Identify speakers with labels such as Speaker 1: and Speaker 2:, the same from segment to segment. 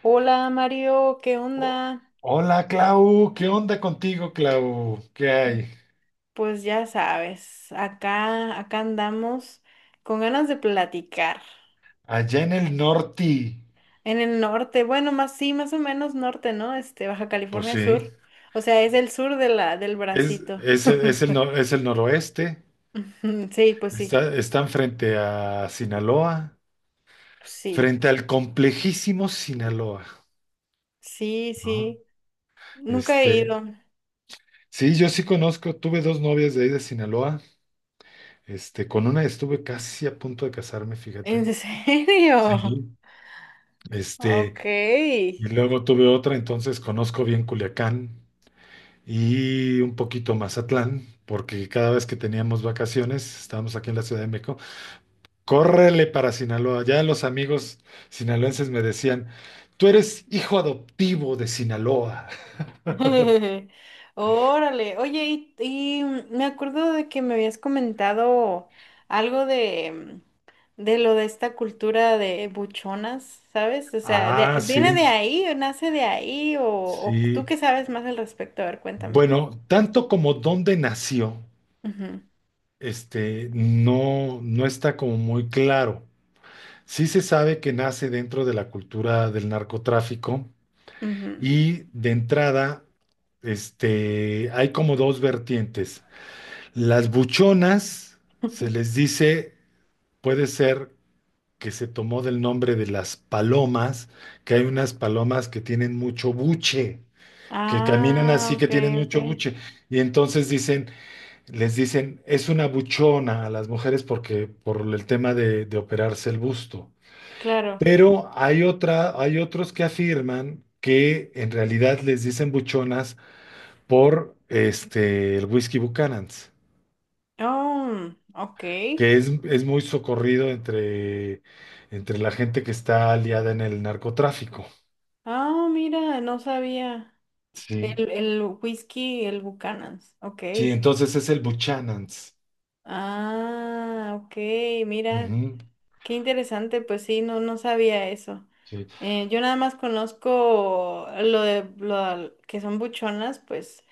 Speaker 1: Hola Mario, ¿qué
Speaker 2: Oh,
Speaker 1: onda?
Speaker 2: hola Clau, ¿qué onda contigo, Clau? ¿Qué hay?
Speaker 1: Pues ya sabes, acá andamos con ganas de platicar.
Speaker 2: Allá en el norte.
Speaker 1: En el norte, bueno, más sí, más o menos norte, ¿no? Baja
Speaker 2: Pues
Speaker 1: California
Speaker 2: sí,
Speaker 1: Sur. O sea, es el sur de la, del bracito.
Speaker 2: es el, nor- es el noroeste.
Speaker 1: Sí, pues sí,
Speaker 2: Están frente a Sinaloa,
Speaker 1: sí,
Speaker 2: frente al complejísimo Sinaloa,
Speaker 1: sí,
Speaker 2: ¿no?
Speaker 1: sí. Nunca he
Speaker 2: Este,
Speaker 1: ido.
Speaker 2: sí, yo sí conozco, tuve dos novias de ahí de Sinaloa. Con una estuve casi a punto de casarme,
Speaker 1: ¿En
Speaker 2: fíjate.
Speaker 1: serio?
Speaker 2: Sí. Este,
Speaker 1: Ok.
Speaker 2: y luego tuve otra, entonces conozco bien Culiacán. Y un poquito Mazatlán, porque cada vez que teníamos vacaciones, estábamos aquí en la Ciudad de México, córrele para Sinaloa. Ya los amigos sinaloenses me decían, tú eres hijo adoptivo de Sinaloa.
Speaker 1: Órale, oye, me acuerdo de que me habías comentado algo de de lo de esta cultura de buchonas, ¿sabes? O sea,
Speaker 2: Ah,
Speaker 1: ¿viene de
Speaker 2: sí,
Speaker 1: ahí o nace de ahí? O, ¿o tú
Speaker 2: sí.
Speaker 1: qué sabes más al respecto? A ver, cuéntame.
Speaker 2: Bueno, tanto como dónde nació,
Speaker 1: Ujú,
Speaker 2: no, no está como muy claro. Sí se sabe que nace dentro de la cultura del narcotráfico.
Speaker 1: ujú.
Speaker 2: Y de entrada, hay como dos vertientes. Las buchonas, se les dice, puede ser que se tomó del nombre de las palomas, que hay unas palomas que tienen mucho buche, que caminan
Speaker 1: Ah,
Speaker 2: así, que
Speaker 1: ok,
Speaker 2: tienen
Speaker 1: ok,
Speaker 2: mucho buche. Y entonces dicen, les dicen, es una buchona a las mujeres porque, por el tema de operarse el busto.
Speaker 1: claro.
Speaker 2: Pero hay otra, hay otros que afirman que en realidad les dicen buchonas por el whisky Buchanan's,
Speaker 1: Oh, ok.
Speaker 2: que es muy socorrido entre la gente que está aliada en el narcotráfico.
Speaker 1: Ah, mira, no sabía.
Speaker 2: Sí,
Speaker 1: El whisky, el Buchanan's, ok.
Speaker 2: sí, entonces es el Buchanan's.
Speaker 1: Ah, ok, mira,
Speaker 2: Ujú,
Speaker 1: qué interesante, pues sí, no, no sabía eso.
Speaker 2: sí,
Speaker 1: Yo nada más conozco lo de lo que son buchonas, pues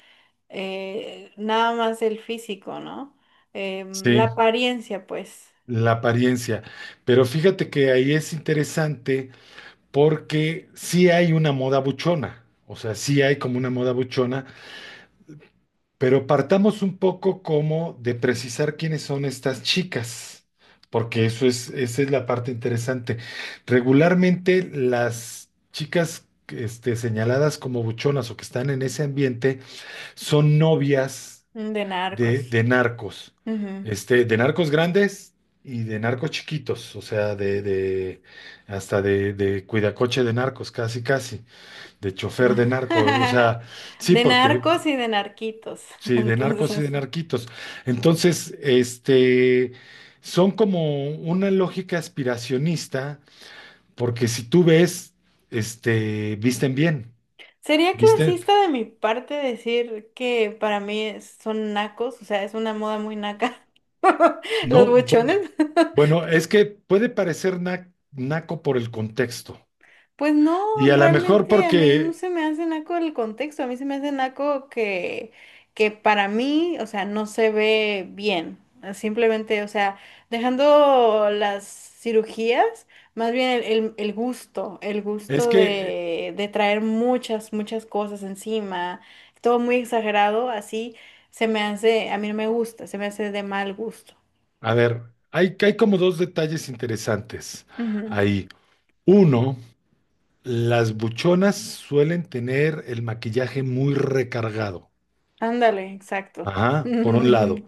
Speaker 1: nada más el físico, ¿no? La
Speaker 2: sí,
Speaker 1: apariencia, pues,
Speaker 2: la apariencia. Pero fíjate que ahí es interesante porque sí hay una moda buchona. O sea, sí hay como una moda buchona. Pero partamos un poco como de precisar quiénes son estas chicas, porque esa es la parte interesante. Regularmente las chicas señaladas como buchonas o que están en ese ambiente son novias
Speaker 1: de
Speaker 2: de,
Speaker 1: narcos.
Speaker 2: de narcos,
Speaker 1: Ujú.
Speaker 2: de narcos grandes y de narcos chiquitos, o sea, de hasta de cuidacoche de narcos, casi casi, de chofer de narco, o sea, sí,
Speaker 1: De
Speaker 2: porque.
Speaker 1: narcos y de narquitos,
Speaker 2: Sí, de narcos y
Speaker 1: entonces.
Speaker 2: de narquitos. Entonces, son como una lógica aspiracionista, porque si tú ves, visten bien,
Speaker 1: Sería
Speaker 2: visten,
Speaker 1: clasista de mi parte decir que para mí son nacos, o sea, es una moda muy naca. Los
Speaker 2: no, bueno,
Speaker 1: buchones.
Speaker 2: bueno, es que puede parecer naco por el contexto.
Speaker 1: Pues no,
Speaker 2: Y a lo mejor
Speaker 1: realmente a mí no
Speaker 2: porque
Speaker 1: se me hace naco el contexto, a mí se me hace naco que para mí, o sea, no se ve bien. Simplemente, o sea, dejando las cirugías, más bien el
Speaker 2: es
Speaker 1: gusto
Speaker 2: que,
Speaker 1: de traer muchas cosas encima, todo muy exagerado, así se me hace, a mí no me gusta, se me hace de mal gusto.
Speaker 2: a ver, hay como dos detalles interesantes
Speaker 1: Ujú,
Speaker 2: ahí. Uno, las buchonas suelen tener el maquillaje muy recargado.
Speaker 1: ándale, exacto.
Speaker 2: Ajá, por un lado.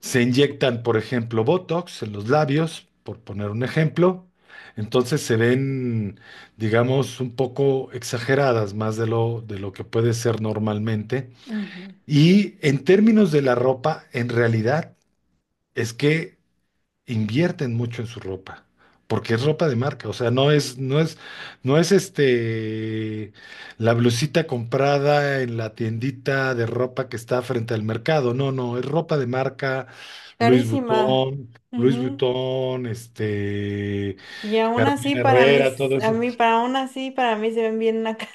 Speaker 2: Se inyectan, por ejemplo, Botox en los labios, por poner un ejemplo. Entonces se ven, digamos, un poco exageradas más de lo que puede ser normalmente.
Speaker 1: Ujú.
Speaker 2: Y en términos de la ropa, en realidad es que invierten mucho en su ropa, porque es ropa de marca, o sea, no es la blusita comprada en la tiendita de ropa que está frente al mercado, no, no, es ropa de marca, Luis
Speaker 1: Carísima.
Speaker 2: Butón, Luis
Speaker 1: Ujú.
Speaker 2: Butón,
Speaker 1: Y aún así
Speaker 2: Carolina
Speaker 1: para mí,
Speaker 2: Herrera, todo
Speaker 1: s- a
Speaker 2: eso.
Speaker 1: mí, para aún así para mí se ven bien nacas.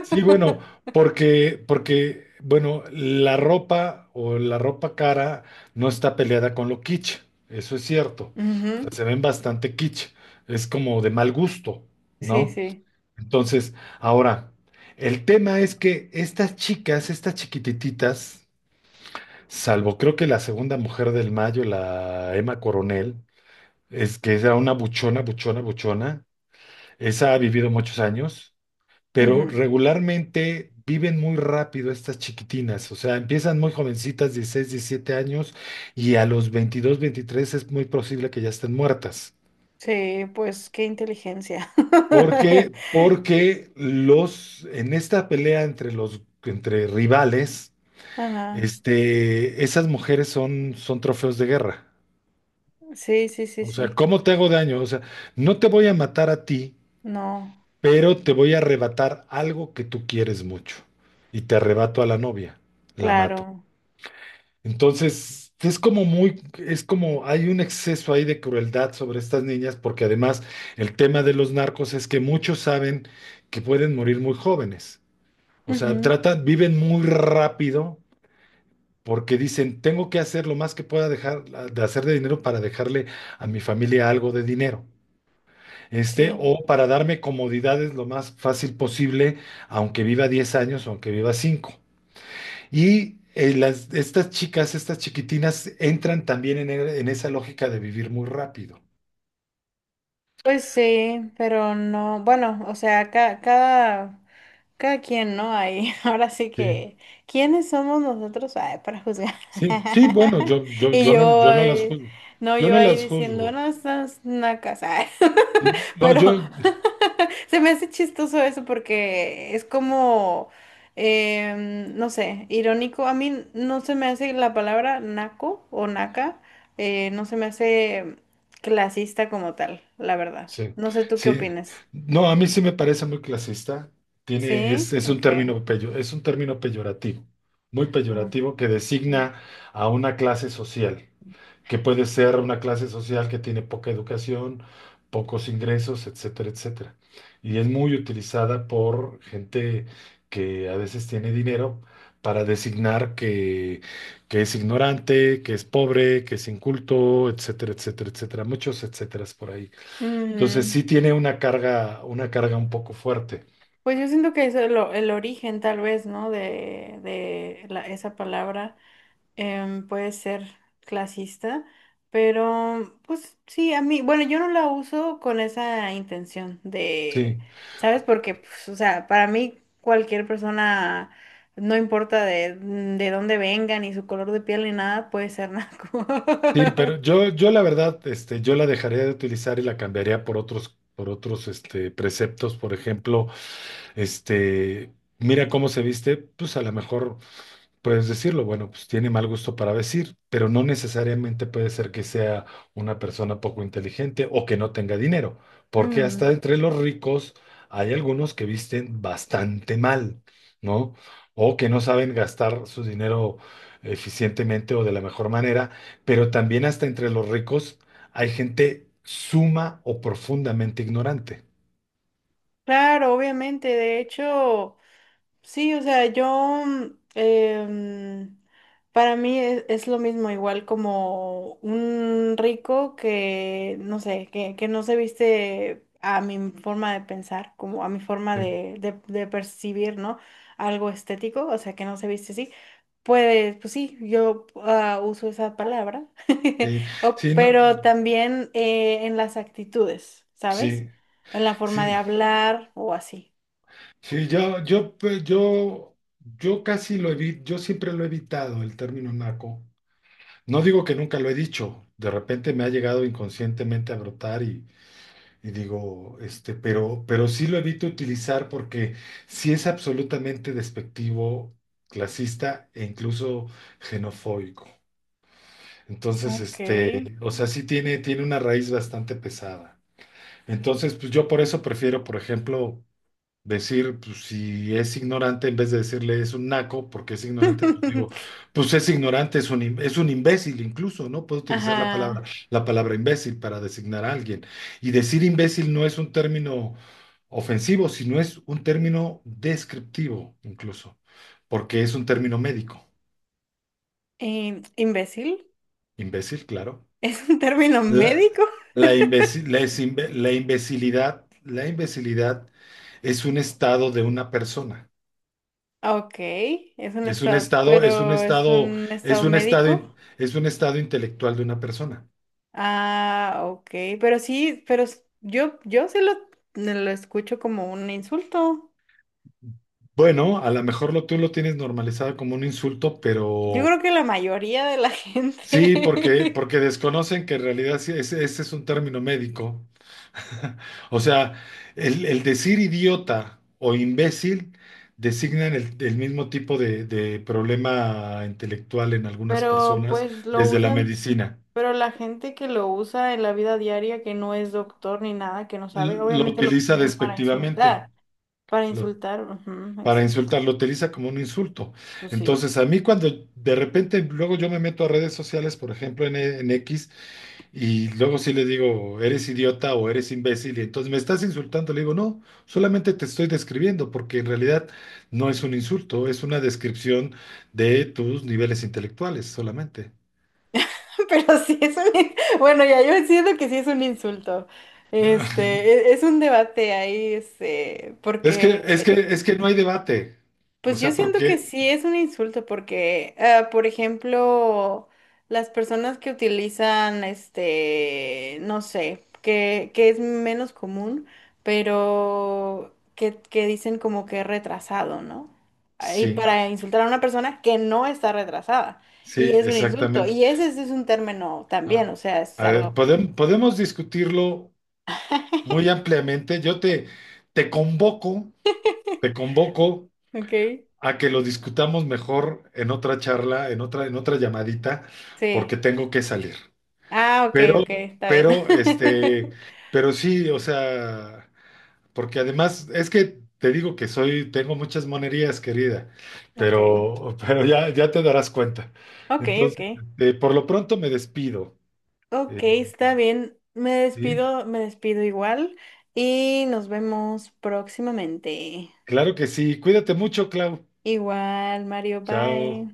Speaker 2: Sí, bueno, bueno, la ropa o la ropa cara no está peleada con lo kitsch, eso es cierto. O
Speaker 1: Ujú,
Speaker 2: sea, se ven bastante kitsch, es como de mal gusto,
Speaker 1: sí,
Speaker 2: ¿no?
Speaker 1: sí.
Speaker 2: Entonces, ahora, el tema es que estas chicas, estas chiquitititas, salvo creo que la segunda mujer del mayo, la Emma Coronel, es que era una buchona, buchona, buchona, esa ha vivido muchos años, pero
Speaker 1: Ujú.
Speaker 2: regularmente viven muy rápido estas chiquitinas, o sea, empiezan muy jovencitas, 16, 17 años, y a los 22, 23 es muy posible que ya estén muertas.
Speaker 1: Sí, pues qué inteligencia.
Speaker 2: porque, Porque en esta pelea entre rivales,
Speaker 1: Ajá.
Speaker 2: esas mujeres son trofeos de guerra.
Speaker 1: Sí, sí, sí,
Speaker 2: O sea,
Speaker 1: sí.
Speaker 2: ¿cómo te hago daño? O sea, no te voy a matar a ti,
Speaker 1: No,
Speaker 2: pero te voy a arrebatar algo que tú quieres mucho. Y te arrebato a la novia, la mato.
Speaker 1: claro.
Speaker 2: Entonces, es como hay un exceso ahí de crueldad sobre estas niñas, porque además el tema de los narcos es que muchos saben que pueden morir muy jóvenes. O sea,
Speaker 1: Ujú,
Speaker 2: tratan, viven muy rápido porque dicen, tengo que hacer lo más que pueda, dejar de hacer de dinero para dejarle a mi familia algo de dinero.
Speaker 1: sí.
Speaker 2: O para darme comodidades lo más fácil posible, aunque viva 10 años o aunque viva 5. Y estas chicas, estas chiquitinas, entran también en esa lógica de vivir muy rápido.
Speaker 1: Pues sí, pero no, bueno, o sea, cada quien, ¿no? Ahí, ahora sí
Speaker 2: Sí,
Speaker 1: que, ¿quiénes somos nosotros, ay, para juzgar?
Speaker 2: sí, sí, bueno, yo, yo,
Speaker 1: Y
Speaker 2: yo no,
Speaker 1: yo,
Speaker 2: yo no las
Speaker 1: ay,
Speaker 2: juzgo.
Speaker 1: no,
Speaker 2: Yo
Speaker 1: yo
Speaker 2: no
Speaker 1: ahí
Speaker 2: las
Speaker 1: diciendo,
Speaker 2: juzgo.
Speaker 1: no, estás nacas, ay.
Speaker 2: Sí, no,
Speaker 1: Pero se me hace chistoso eso porque es como, no sé, irónico. A mí no se me hace la palabra naco o naca, no se me hace clasista como tal, la verdad.
Speaker 2: sí,
Speaker 1: No sé tú qué
Speaker 2: sí.
Speaker 1: opinas.
Speaker 2: No, a mí sí me parece muy clasista. Tiene,
Speaker 1: ¿Sí?
Speaker 2: es un
Speaker 1: Ok.
Speaker 2: término peyo- es un término peyorativo, muy
Speaker 1: Ah,
Speaker 2: peyorativo que designa a una clase social. Que puede ser una clase social que tiene poca educación, pocos ingresos, etcétera, etcétera. Y es muy utilizada por gente que a veces tiene dinero para designar que, es ignorante, que es pobre, que es inculto, etcétera, etcétera, etcétera. Muchos etcéteras por ahí. Entonces
Speaker 1: mm.
Speaker 2: sí tiene una carga un poco fuerte.
Speaker 1: Pues yo siento que es el origen tal vez, ¿no? De esa palabra puede ser clasista, pero pues sí, a mí, bueno, yo no la uso con esa intención de,
Speaker 2: Sí,
Speaker 1: ¿sabes? Porque, pues, o sea, para mí cualquier persona, no importa de dónde venga, ni su color de piel, ni nada, puede ser naco.
Speaker 2: sí, pero yo la verdad, yo la dejaría de utilizar y la cambiaría por otros preceptos, por ejemplo. Este, Mira cómo se viste, pues a lo mejor puedes decirlo, bueno, pues tiene mal gusto para vestir, pero no necesariamente puede ser que sea una persona poco inteligente o que no tenga dinero, porque
Speaker 1: Mm,
Speaker 2: hasta entre los ricos hay algunos que visten bastante mal, ¿no? O que no saben gastar su dinero eficientemente o de la mejor manera, pero también hasta entre los ricos hay gente suma o profundamente ignorante.
Speaker 1: claro, obviamente, de hecho. Sí, o sea, yo, para mí es lo mismo, igual como un rico que, no sé, que no se viste a mi forma de pensar, como a mi forma
Speaker 2: Sí,
Speaker 1: de percibir, ¿no? Algo estético, o sea, que no se viste así. Pues, pues sí, yo uso esa palabra,
Speaker 2: sí, sí, no,
Speaker 1: Pero también en las actitudes, ¿sabes?
Speaker 2: sí.
Speaker 1: En la forma
Speaker 2: Sí,
Speaker 1: de hablar o así.
Speaker 2: sí, yo casi lo evito, yo siempre lo he evitado el término naco. No digo que nunca lo he dicho, de repente me ha llegado inconscientemente a brotar y digo, pero sí lo evito utilizar porque sí es absolutamente despectivo, clasista e incluso xenofóbico. Entonces,
Speaker 1: Ok.
Speaker 2: o sea, sí tiene una raíz bastante pesada. Entonces, pues yo por eso prefiero, por ejemplo, decir, pues si es ignorante, en vez de decirle es un naco, porque es ignorante, pues digo, pues es ignorante, es un imbécil incluso, ¿no? Puedo utilizar la palabra,
Speaker 1: Ajá.
Speaker 2: la palabra imbécil para designar a alguien. Y decir imbécil no es un término ofensivo, sino es un término descriptivo incluso, porque es un término médico.
Speaker 1: ¿Imbécil?
Speaker 2: Imbécil, claro.
Speaker 1: ¿Es un término
Speaker 2: La,
Speaker 1: médico?
Speaker 2: la, imbécil- la es imbe- la La imbecilidad es un estado de una persona.
Speaker 1: Ah, ok, es un
Speaker 2: Es un
Speaker 1: estado,
Speaker 2: estado, es un
Speaker 1: pero es
Speaker 2: estado,
Speaker 1: un
Speaker 2: es
Speaker 1: estado
Speaker 2: un estado,
Speaker 1: médico.
Speaker 2: in- es un estado intelectual de una persona.
Speaker 1: Ah, ok, pero sí, pero yo sí lo escucho como un insulto.
Speaker 2: Bueno, a lo mejor tú lo tienes normalizado como un insulto,
Speaker 1: Yo
Speaker 2: pero
Speaker 1: creo que la mayoría de la
Speaker 2: sí, porque,
Speaker 1: gente,
Speaker 2: porque desconocen que en realidad sí, ese es un término médico. O sea, el decir idiota o imbécil designan el mismo tipo de problema intelectual en algunas
Speaker 1: pero
Speaker 2: personas
Speaker 1: pues lo
Speaker 2: desde la
Speaker 1: usan,
Speaker 2: medicina.
Speaker 1: pero la gente que lo usa en la vida diaria, que no es doctor ni nada, que no sabe,
Speaker 2: Lo
Speaker 1: obviamente lo
Speaker 2: utiliza
Speaker 1: utiliza
Speaker 2: despectivamente.
Speaker 1: para
Speaker 2: Lo
Speaker 1: insultar, ujú,
Speaker 2: para insultar, lo utiliza como un insulto.
Speaker 1: pues sí.
Speaker 2: Entonces, a mí cuando de repente luego yo me meto a redes sociales, por ejemplo en X, y luego sí le digo, eres idiota o eres imbécil, y entonces me estás insultando, le digo, no, solamente te estoy describiendo, porque en realidad no es un insulto, es una descripción de tus niveles intelectuales solamente.
Speaker 1: Pero sí es un bueno, ya yo siento que sí es un insulto. Es un debate ahí, este,
Speaker 2: Es
Speaker 1: porque,
Speaker 2: que, es que, es que no hay debate. O
Speaker 1: pues yo
Speaker 2: sea,
Speaker 1: siento que
Speaker 2: porque
Speaker 1: sí es un insulto, porque, ah, por ejemplo, las personas que utilizan, este, no sé, que es menos común, pero que dicen como que retrasado, ¿no? Ah, y
Speaker 2: sí,
Speaker 1: para insultar a una persona que no está retrasada. Y
Speaker 2: sí,
Speaker 1: es un insulto.
Speaker 2: exactamente.
Speaker 1: Y ese, sí es un término también, o
Speaker 2: Ah,
Speaker 1: sea, es
Speaker 2: a
Speaker 1: algo.
Speaker 2: ver, podemos discutirlo muy ampliamente. Yo te convoco, te convoco
Speaker 1: Ok,
Speaker 2: a que lo discutamos mejor en otra charla, en otra llamadita, porque
Speaker 1: sí.
Speaker 2: tengo que salir.
Speaker 1: Ah, ok,
Speaker 2: Pero,
Speaker 1: ok, está bien.
Speaker 2: pero, este, pero sí, o sea, porque además es que te digo que tengo muchas monerías, querida,
Speaker 1: Ok,
Speaker 2: pero ya, ya te darás cuenta.
Speaker 1: ok, ok.
Speaker 2: Entonces, por lo pronto me despido.
Speaker 1: Ok,
Speaker 2: Eh,
Speaker 1: está bien.
Speaker 2: sí,
Speaker 1: Me despido igual y nos vemos próximamente.
Speaker 2: claro que sí. Cuídate mucho, Clau.
Speaker 1: Igual, Mario, bye.
Speaker 2: Chao.